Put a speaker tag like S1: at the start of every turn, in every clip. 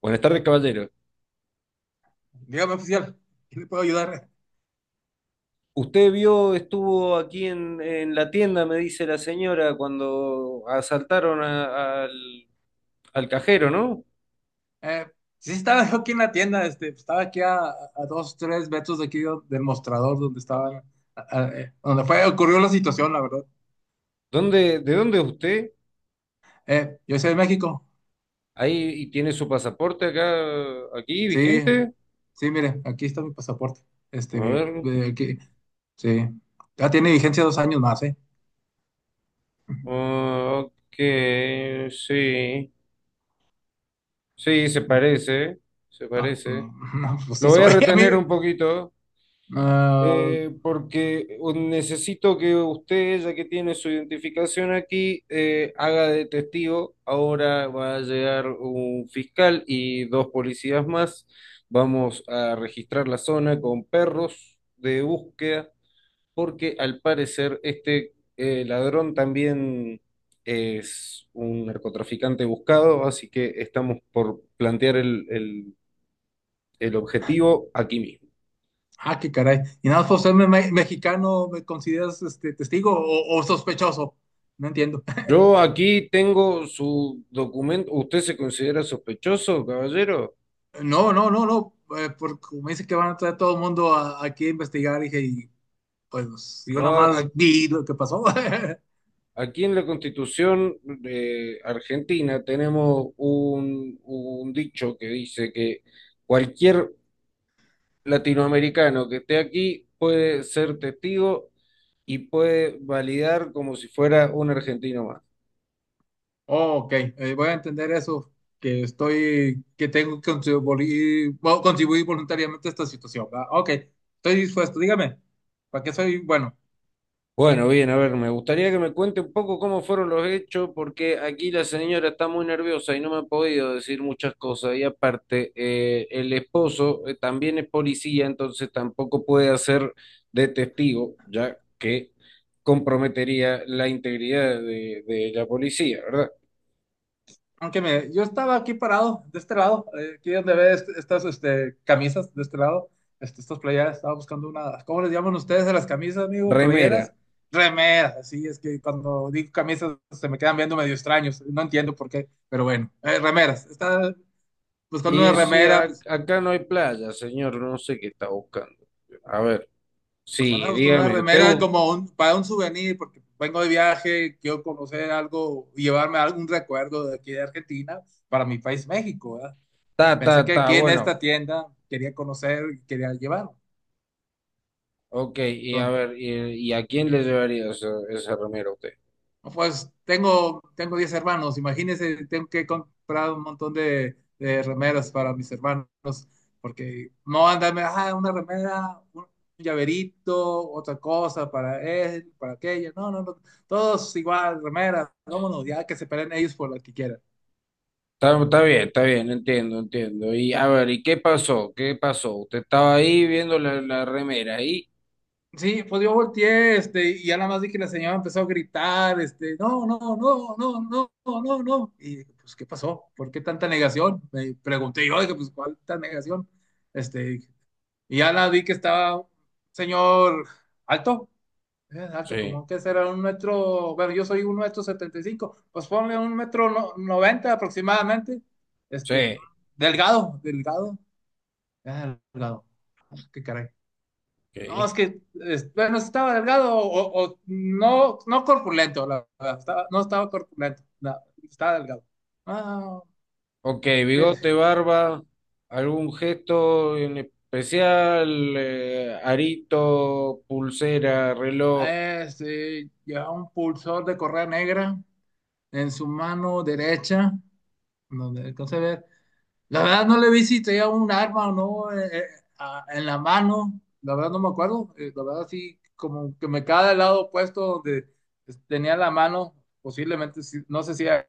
S1: Buenas tardes, caballero.
S2: Dígame, oficial, ¿qué le puedo ayudar?
S1: Usted vio, estuvo aquí en la tienda, me dice la señora, cuando asaltaron al cajero, ¿no?
S2: Eh, sí, sí estaba yo aquí en la tienda, este, pues, estaba aquí a dos, tres metros de aquí del mostrador donde estaba, donde fue, ocurrió la situación, la verdad.
S1: ¿De dónde es usted?
S2: Yo soy de México,
S1: Ahí y tiene su pasaporte acá, aquí,
S2: sí,
S1: vigente.
S2: sí, mire, aquí está mi pasaporte,
S1: A
S2: este,
S1: ver.
S2: aquí, sí, ya tiene vigencia 2 años más, ¿eh?
S1: Ah, ok, sí. Sí, se parece, se
S2: Ah,
S1: parece.
S2: mm, no, pues
S1: Lo
S2: sí
S1: voy a
S2: soy, a mí,
S1: retener un poquito.
S2: ah,
S1: Porque necesito que usted, ya que tiene su identificación aquí, haga de testigo. Ahora va a llegar un fiscal y dos policías más. Vamos a registrar la zona con perros de búsqueda, porque al parecer ladrón también es un narcotraficante buscado, así que estamos por plantear el objetivo aquí mismo.
S2: ah, qué caray, y nada más por ser mexicano, ¿me consideras, este, testigo o sospechoso? No entiendo.
S1: Yo aquí tengo su documento. ¿Usted se considera sospechoso, caballero?
S2: No, no, no, no, porque me dice que van a traer todo el mundo aquí a investigar, dije, y pues yo
S1: No,
S2: nada más vi lo que pasó.
S1: aquí en la Constitución de Argentina tenemos un dicho que dice que cualquier latinoamericano que esté aquí puede ser testigo y puede validar como si fuera un argentino más.
S2: Oh, ok, voy a entender eso, que estoy, que tengo que contribuir, bueno, contribuir voluntariamente a esta situación, ¿verdad? Ok, estoy dispuesto, dígame, ¿para qué soy bueno?
S1: Bueno, bien, a ver, me gustaría que me cuente un poco cómo fueron los hechos, porque aquí la señora está muy nerviosa y no me ha podido decir muchas cosas. Y aparte, el esposo también es policía, entonces tampoco puede hacer de testigo, ya que comprometería la integridad de la policía, ¿verdad?
S2: Aunque yo estaba aquí parado, de este lado, aquí donde ves estas este, camisas, de este lado, este, estas playeras, estaba buscando una, ¿cómo les llaman ustedes a las camisas, amigo? Playeras,
S1: Remera.
S2: remeras, así es que cuando digo camisas se me quedan viendo medio extraños, no entiendo por qué, pero bueno, remeras, estaba buscando una
S1: Y sí,
S2: remera, pues,
S1: acá no hay playa, señor, no sé qué está buscando. A ver,
S2: pues
S1: sí,
S2: andaba buscando una
S1: dígame, usted
S2: remera
S1: busca...
S2: como un, para un souvenir, porque vengo de viaje, quiero conocer algo, llevarme algún recuerdo de aquí de Argentina para mi país, México, ¿verdad?
S1: Ta,
S2: Pensé
S1: ta,
S2: que
S1: ta,
S2: aquí en
S1: bueno.
S2: esta tienda quería conocer, quería llevar.
S1: Ok, y a
S2: Entonces,
S1: ver, y a quién le llevaría esa remera a usted?
S2: no, pues tengo 10 hermanos, imagínense, tengo que comprar un montón de remeras para mis hermanos, porque no andarme, ah, una remera, un llaverito, otra cosa para él, para aquella. No, no, no, todos igual, remeras, vámonos, ya que se peleen ellos por lo que quieran.
S1: Está, está bien, entiendo, entiendo. Y a ver, ¿y qué pasó? ¿Qué pasó? Usted estaba ahí viendo la remera ahí.
S2: Sí, pues yo volteé, este, y ya nada más vi que la señora empezó a gritar, este, no, no, no, no, no, no, no. Y dije, pues, ¿qué pasó? ¿Por qué tanta negación? Me pregunté yo, dije, pues, ¿cuál tanta negación? Este, y ya la vi que estaba un señor alto, alto,
S1: Sí,
S2: como que será un metro, bueno, yo soy 1,75 m, pues ponle un metro noventa aproximadamente, este,
S1: sí,
S2: delgado, delgado, ah, delgado. Ah, qué caray. No,
S1: ok.
S2: es que, bueno, estaba delgado o no corpulento, la verdad. Estaba- no estaba corpulento, no, estaba delgado. Ah,
S1: Ok,
S2: ¿qué es?
S1: bigote, barba, algún gesto en especial, arito, pulsera, reloj,
S2: Este, llevaba un pulsor de correa negra en su mano derecha, donde alcancé a ver. La verdad no le vi si tenía un arma o no en la mano. La verdad no me acuerdo. La verdad sí, como que me cae del lado opuesto donde tenía la mano. Posiblemente, no sé si,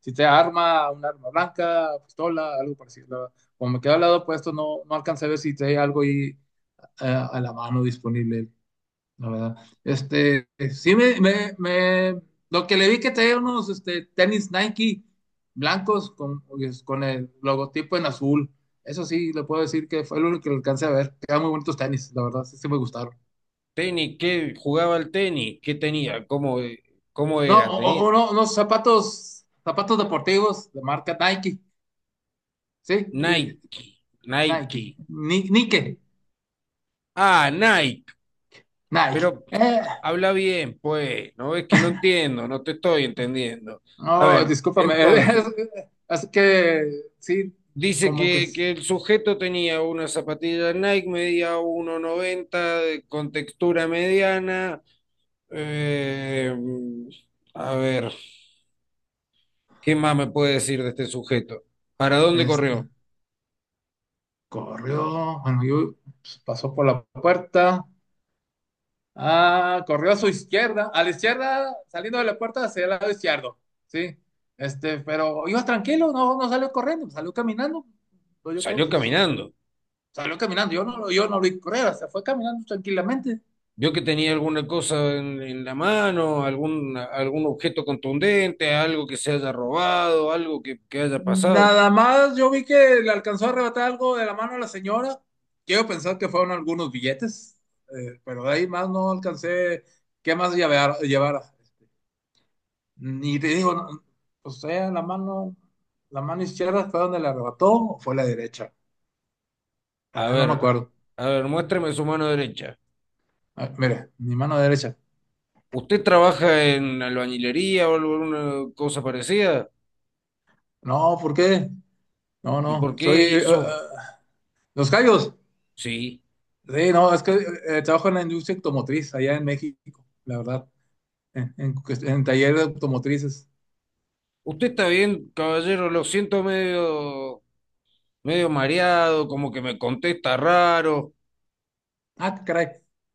S2: si sea arma, un arma blanca, pistola, algo parecido. La verdad, como me queda al lado opuesto, no, no alcancé a ver si tenía algo ahí a la mano disponible la verdad. Este, sí lo que le vi que traía unos este, tenis Nike blancos con, pues, con el logotipo en azul. Eso sí, le puedo decir que fue lo único que alcancé a ver. Quedan muy bonitos tenis, la verdad, sí, sí me gustaron.
S1: tenis, ¿qué jugaba el tenis? ¿Qué tenía? ¿Cómo
S2: No,
S1: era? Tenía
S2: o no, unos zapatos, zapatos deportivos de marca Nike, sí, eh,
S1: Nike,
S2: Nike,
S1: Nike.
S2: Nike,
S1: Ah, Nike.
S2: Nike.
S1: Pero
S2: Eh,
S1: habla bien, pues, ¿no? Ves que no entiendo, no te estoy entendiendo. A
S2: no,
S1: ver,
S2: discúlpame, es,
S1: entonces,
S2: es que sí.
S1: dice
S2: como que
S1: que,
S2: es-
S1: que el sujeto tenía una zapatilla Nike, medía 1,90, con textura mediana. Eh, a ver, ¿qué más me puede decir de este sujeto? ¿Para dónde
S2: este,
S1: corrió?
S2: Corrió, bueno, yo pues, pasó por la puerta. Ah, corrió a su izquierda, a la izquierda, saliendo de la puerta hacia el lado izquierdo, ¿sí? Este, pero iba tranquilo, no, no salió corriendo, salió caminando. Pues yo creo que
S1: Salió
S2: pues,
S1: caminando.
S2: salió caminando, yo no lo vi correr, se fue caminando tranquilamente.
S1: Vio que tenía alguna cosa en la mano, algún objeto contundente, algo que se haya robado, algo que haya pasado.
S2: Nada más, yo vi que le alcanzó a arrebatar algo de la mano a la señora. Quiero pensar que fueron algunos billetes, pero de ahí más no alcancé qué más llevar, llevara. Y te digo, no, o sea, la mano izquierda fue donde le arrebató o fue la derecha. La
S1: A
S2: verdad no
S1: ver,
S2: me acuerdo.
S1: a ver, muéstreme su mano derecha.
S2: Ah, mira, mi mano derecha.
S1: ¿Usted trabaja en albañilería o alguna cosa parecida?
S2: No, ¿por qué? No,
S1: ¿Y
S2: no,
S1: por qué? ¿Y eso?
S2: los callos.
S1: Sí.
S2: Sí, no, es que trabajo en la industria automotriz allá en México, la verdad, en taller de automotrices.
S1: Usted está bien, caballero, lo siento medio, medio mareado, como que me contesta raro.
S2: Ah, caray.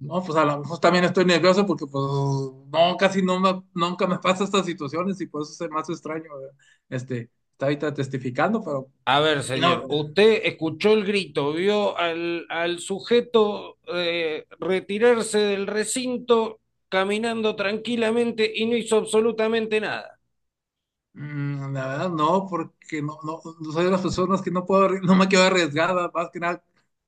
S2: No, pues a lo mejor también estoy nervioso porque pues no, casi no me- nunca me pasa estas situaciones y por eso se me hace extraño, ¿verdad? Este, está ahorita testificando, pero.
S1: A ver,
S2: Y no,
S1: señor, usted escuchó el grito, vio al, al sujeto retirarse del recinto caminando tranquilamente y no hizo absolutamente nada.
S2: la verdad no, porque no, no, no soy de las personas que no puedo, no me quedo arriesgada, más que nada,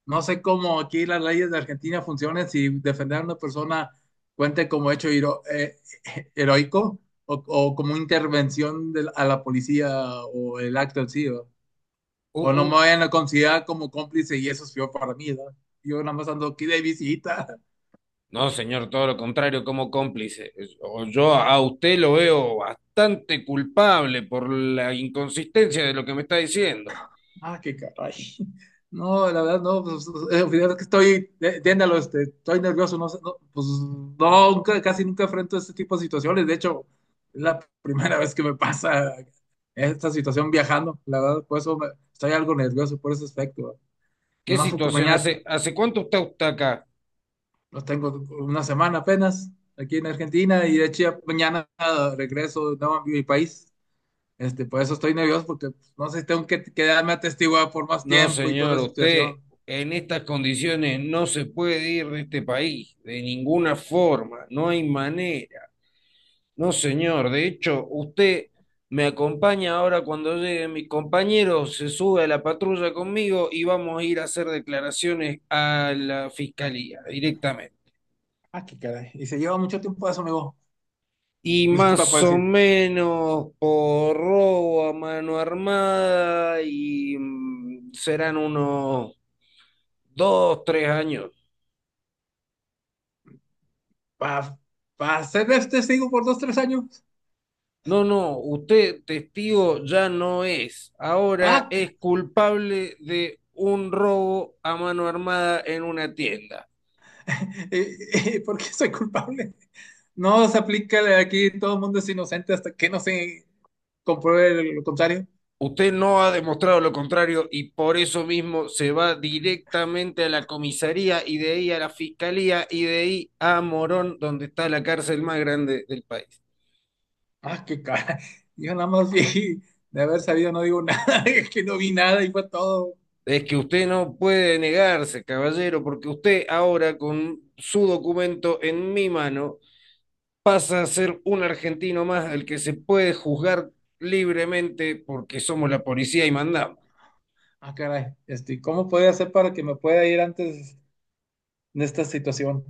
S2: no sé cómo aquí las leyes de Argentina funcionan, si defender a una persona cuente como hecho heroico o como intervención de la- a la policía o el acto en sí, ¿verdad? O no me
S1: U-
S2: vayan a considerar como cómplice y eso es peor para mí, ¿verdad? Yo nada más ando aquí de visita.
S1: No, señor, todo lo contrario, como cómplice. O yo a usted lo veo bastante culpable por la inconsistencia de lo que me está diciendo.
S2: Ah, qué caray. No, la verdad, no, pues, al final es que estoy, entiéndalo, este, estoy nervioso, no, sé, no, pues no, casi nunca enfrento este tipo de situaciones, de hecho, es la primera vez que me pasa esta situación viajando, la verdad, por eso estoy algo nervioso por ese aspecto, y
S1: ¿Qué
S2: más porque
S1: situación?
S2: mañana,
S1: ¿Hace cuánto está usted acá?
S2: los tengo una semana apenas, aquí en Argentina, y de hecho ya mañana regreso de nuevo a mi país, este, por eso estoy nervioso, porque pues, no sé si tengo que quedarme atestiguado por más
S1: No,
S2: tiempo y toda
S1: señor,
S2: esa
S1: usted
S2: situación.
S1: en estas condiciones no se puede ir de este país, de ninguna forma, no hay manera. No, señor, de hecho, usted me acompaña ahora cuando llegue mi compañero, se sube a la patrulla conmigo y vamos a ir a hacer declaraciones a la fiscalía directamente.
S2: Ah, qué caray. Y se lleva mucho tiempo eso, amigo.
S1: Y
S2: Disculpa
S1: más
S2: puedo
S1: o
S2: decir,
S1: menos por robo a mano armada y serán unos 2, 3 años.
S2: para ser testigo por dos, tres años.
S1: No, no, usted testigo ya no es. Ahora
S2: Ah,
S1: es culpable de un robo a mano armada en una tienda.
S2: eh, ¿Por qué soy culpable? No se aplica aquí, todo el mundo es inocente hasta que no se compruebe lo contrario.
S1: Usted no ha demostrado lo contrario y por eso mismo se va directamente a la comisaría y de ahí a la fiscalía y de ahí a Morón, donde está la cárcel más grande del país.
S2: Ah, qué cara. Yo nada más vi, de haber sabido no digo nada, es que no vi nada y fue todo.
S1: Es que usted no puede negarse, caballero, porque usted ahora con su documento en mi mano pasa a ser un argentino más al que se puede juzgar libremente porque somos la policía y mandamos.
S2: Ah, caray, este, ¿cómo podría hacer para que me pueda ir antes de esta situación?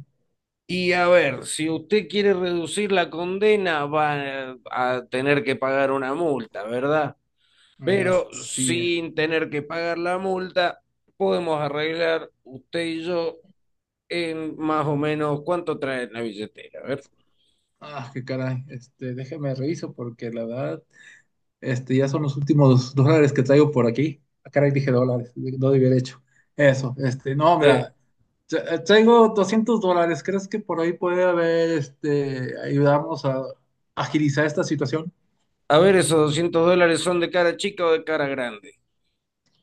S1: Y a ver, si usted quiere reducir la condena, va a tener que pagar una multa, ¿verdad?
S2: Ah,
S1: Pero
S2: sí.
S1: sin tener que pagar la multa, podemos arreglar usted y yo en más o menos cuánto trae la billetera. A ver,
S2: Ah, qué caray, este, déjeme reviso porque la verdad. Este, ya son los últimos dólares que traigo por aquí. Ah, caray, dije dólares, no debí haber hecho. Eso, este, no,
S1: Eh,
S2: mira, traigo $200. ¿Crees que por ahí puede haber, este, ayudarnos a agilizar esta situación?
S1: esos $200 son de cara chica o de cara grande.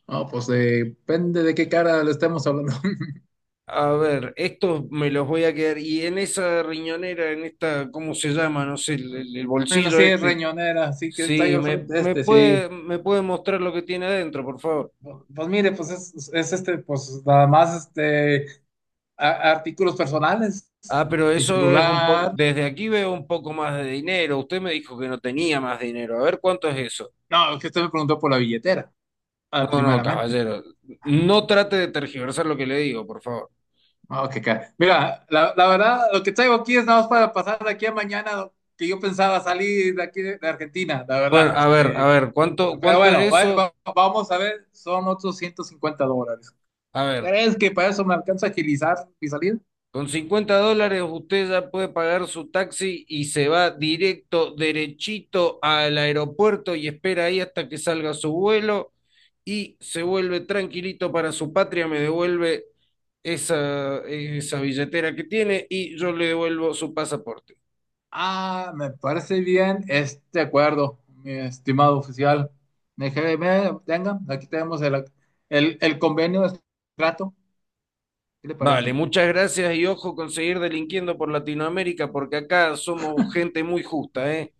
S2: No, pues depende de qué cara le estemos hablando.
S1: A ver, estos me los voy a quedar. Y en esa riñonera, en esta, ¿cómo se llama? No sé, el
S2: Bueno,
S1: bolsillo
S2: sí, es
S1: este,
S2: riñonera, sí que está ahí
S1: sí,
S2: al
S1: me,
S2: frente
S1: me
S2: este,
S1: puede,
S2: sí.
S1: me puede mostrar lo que tiene adentro, por favor.
S2: Pues mire, pues es este, pues nada más este, artículos personales,
S1: Ah, pero
S2: mi
S1: eso es un poco,
S2: celular.
S1: desde aquí veo un poco más de dinero. Usted me dijo que no tenía más dinero. A ver, ¿cuánto es eso?
S2: No, es que usted me preguntó por la billetera, ah,
S1: No, no,
S2: primeramente.
S1: caballero, no trate de tergiversar lo que le digo, por favor.
S2: Ah, Mira, la verdad, lo que traigo aquí es nada más para pasar de aquí a mañana, que yo pensaba salir de aquí de Argentina, la
S1: Bueno,
S2: verdad.
S1: a ver, a
S2: Este,
S1: ver, ¿cuánto,
S2: pero
S1: cuánto
S2: bueno,
S1: es eso?
S2: vamos a ver, son otros $150.
S1: A ver,
S2: ¿Crees que para eso me alcanza a agilizar mi salida?
S1: con $50 usted ya puede pagar su taxi y se va directo, derechito al aeropuerto y espera ahí hasta que salga su vuelo. Y se vuelve tranquilito para su patria, me devuelve esa, esa billetera que tiene y yo le devuelvo su pasaporte.
S2: Ah, me parece bien este acuerdo, mi estimado oficial. Déjeme, venga, aquí tenemos el, el convenio de trato. ¿Qué le
S1: Vale,
S2: parece?
S1: muchas gracias y ojo con seguir delinquiendo por Latinoamérica porque acá somos gente muy justa, ¿eh?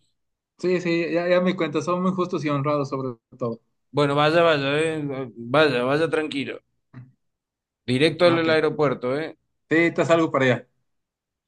S2: Sí, sí, ya, ya me cuenta, son muy justos y honrados sobre todo.
S1: Bueno, vaya, vaya, ¿eh? Vaya, vaya tranquilo. Directo
S2: Ok.
S1: al aeropuerto, ¿eh?
S2: Sí, estás algo para allá.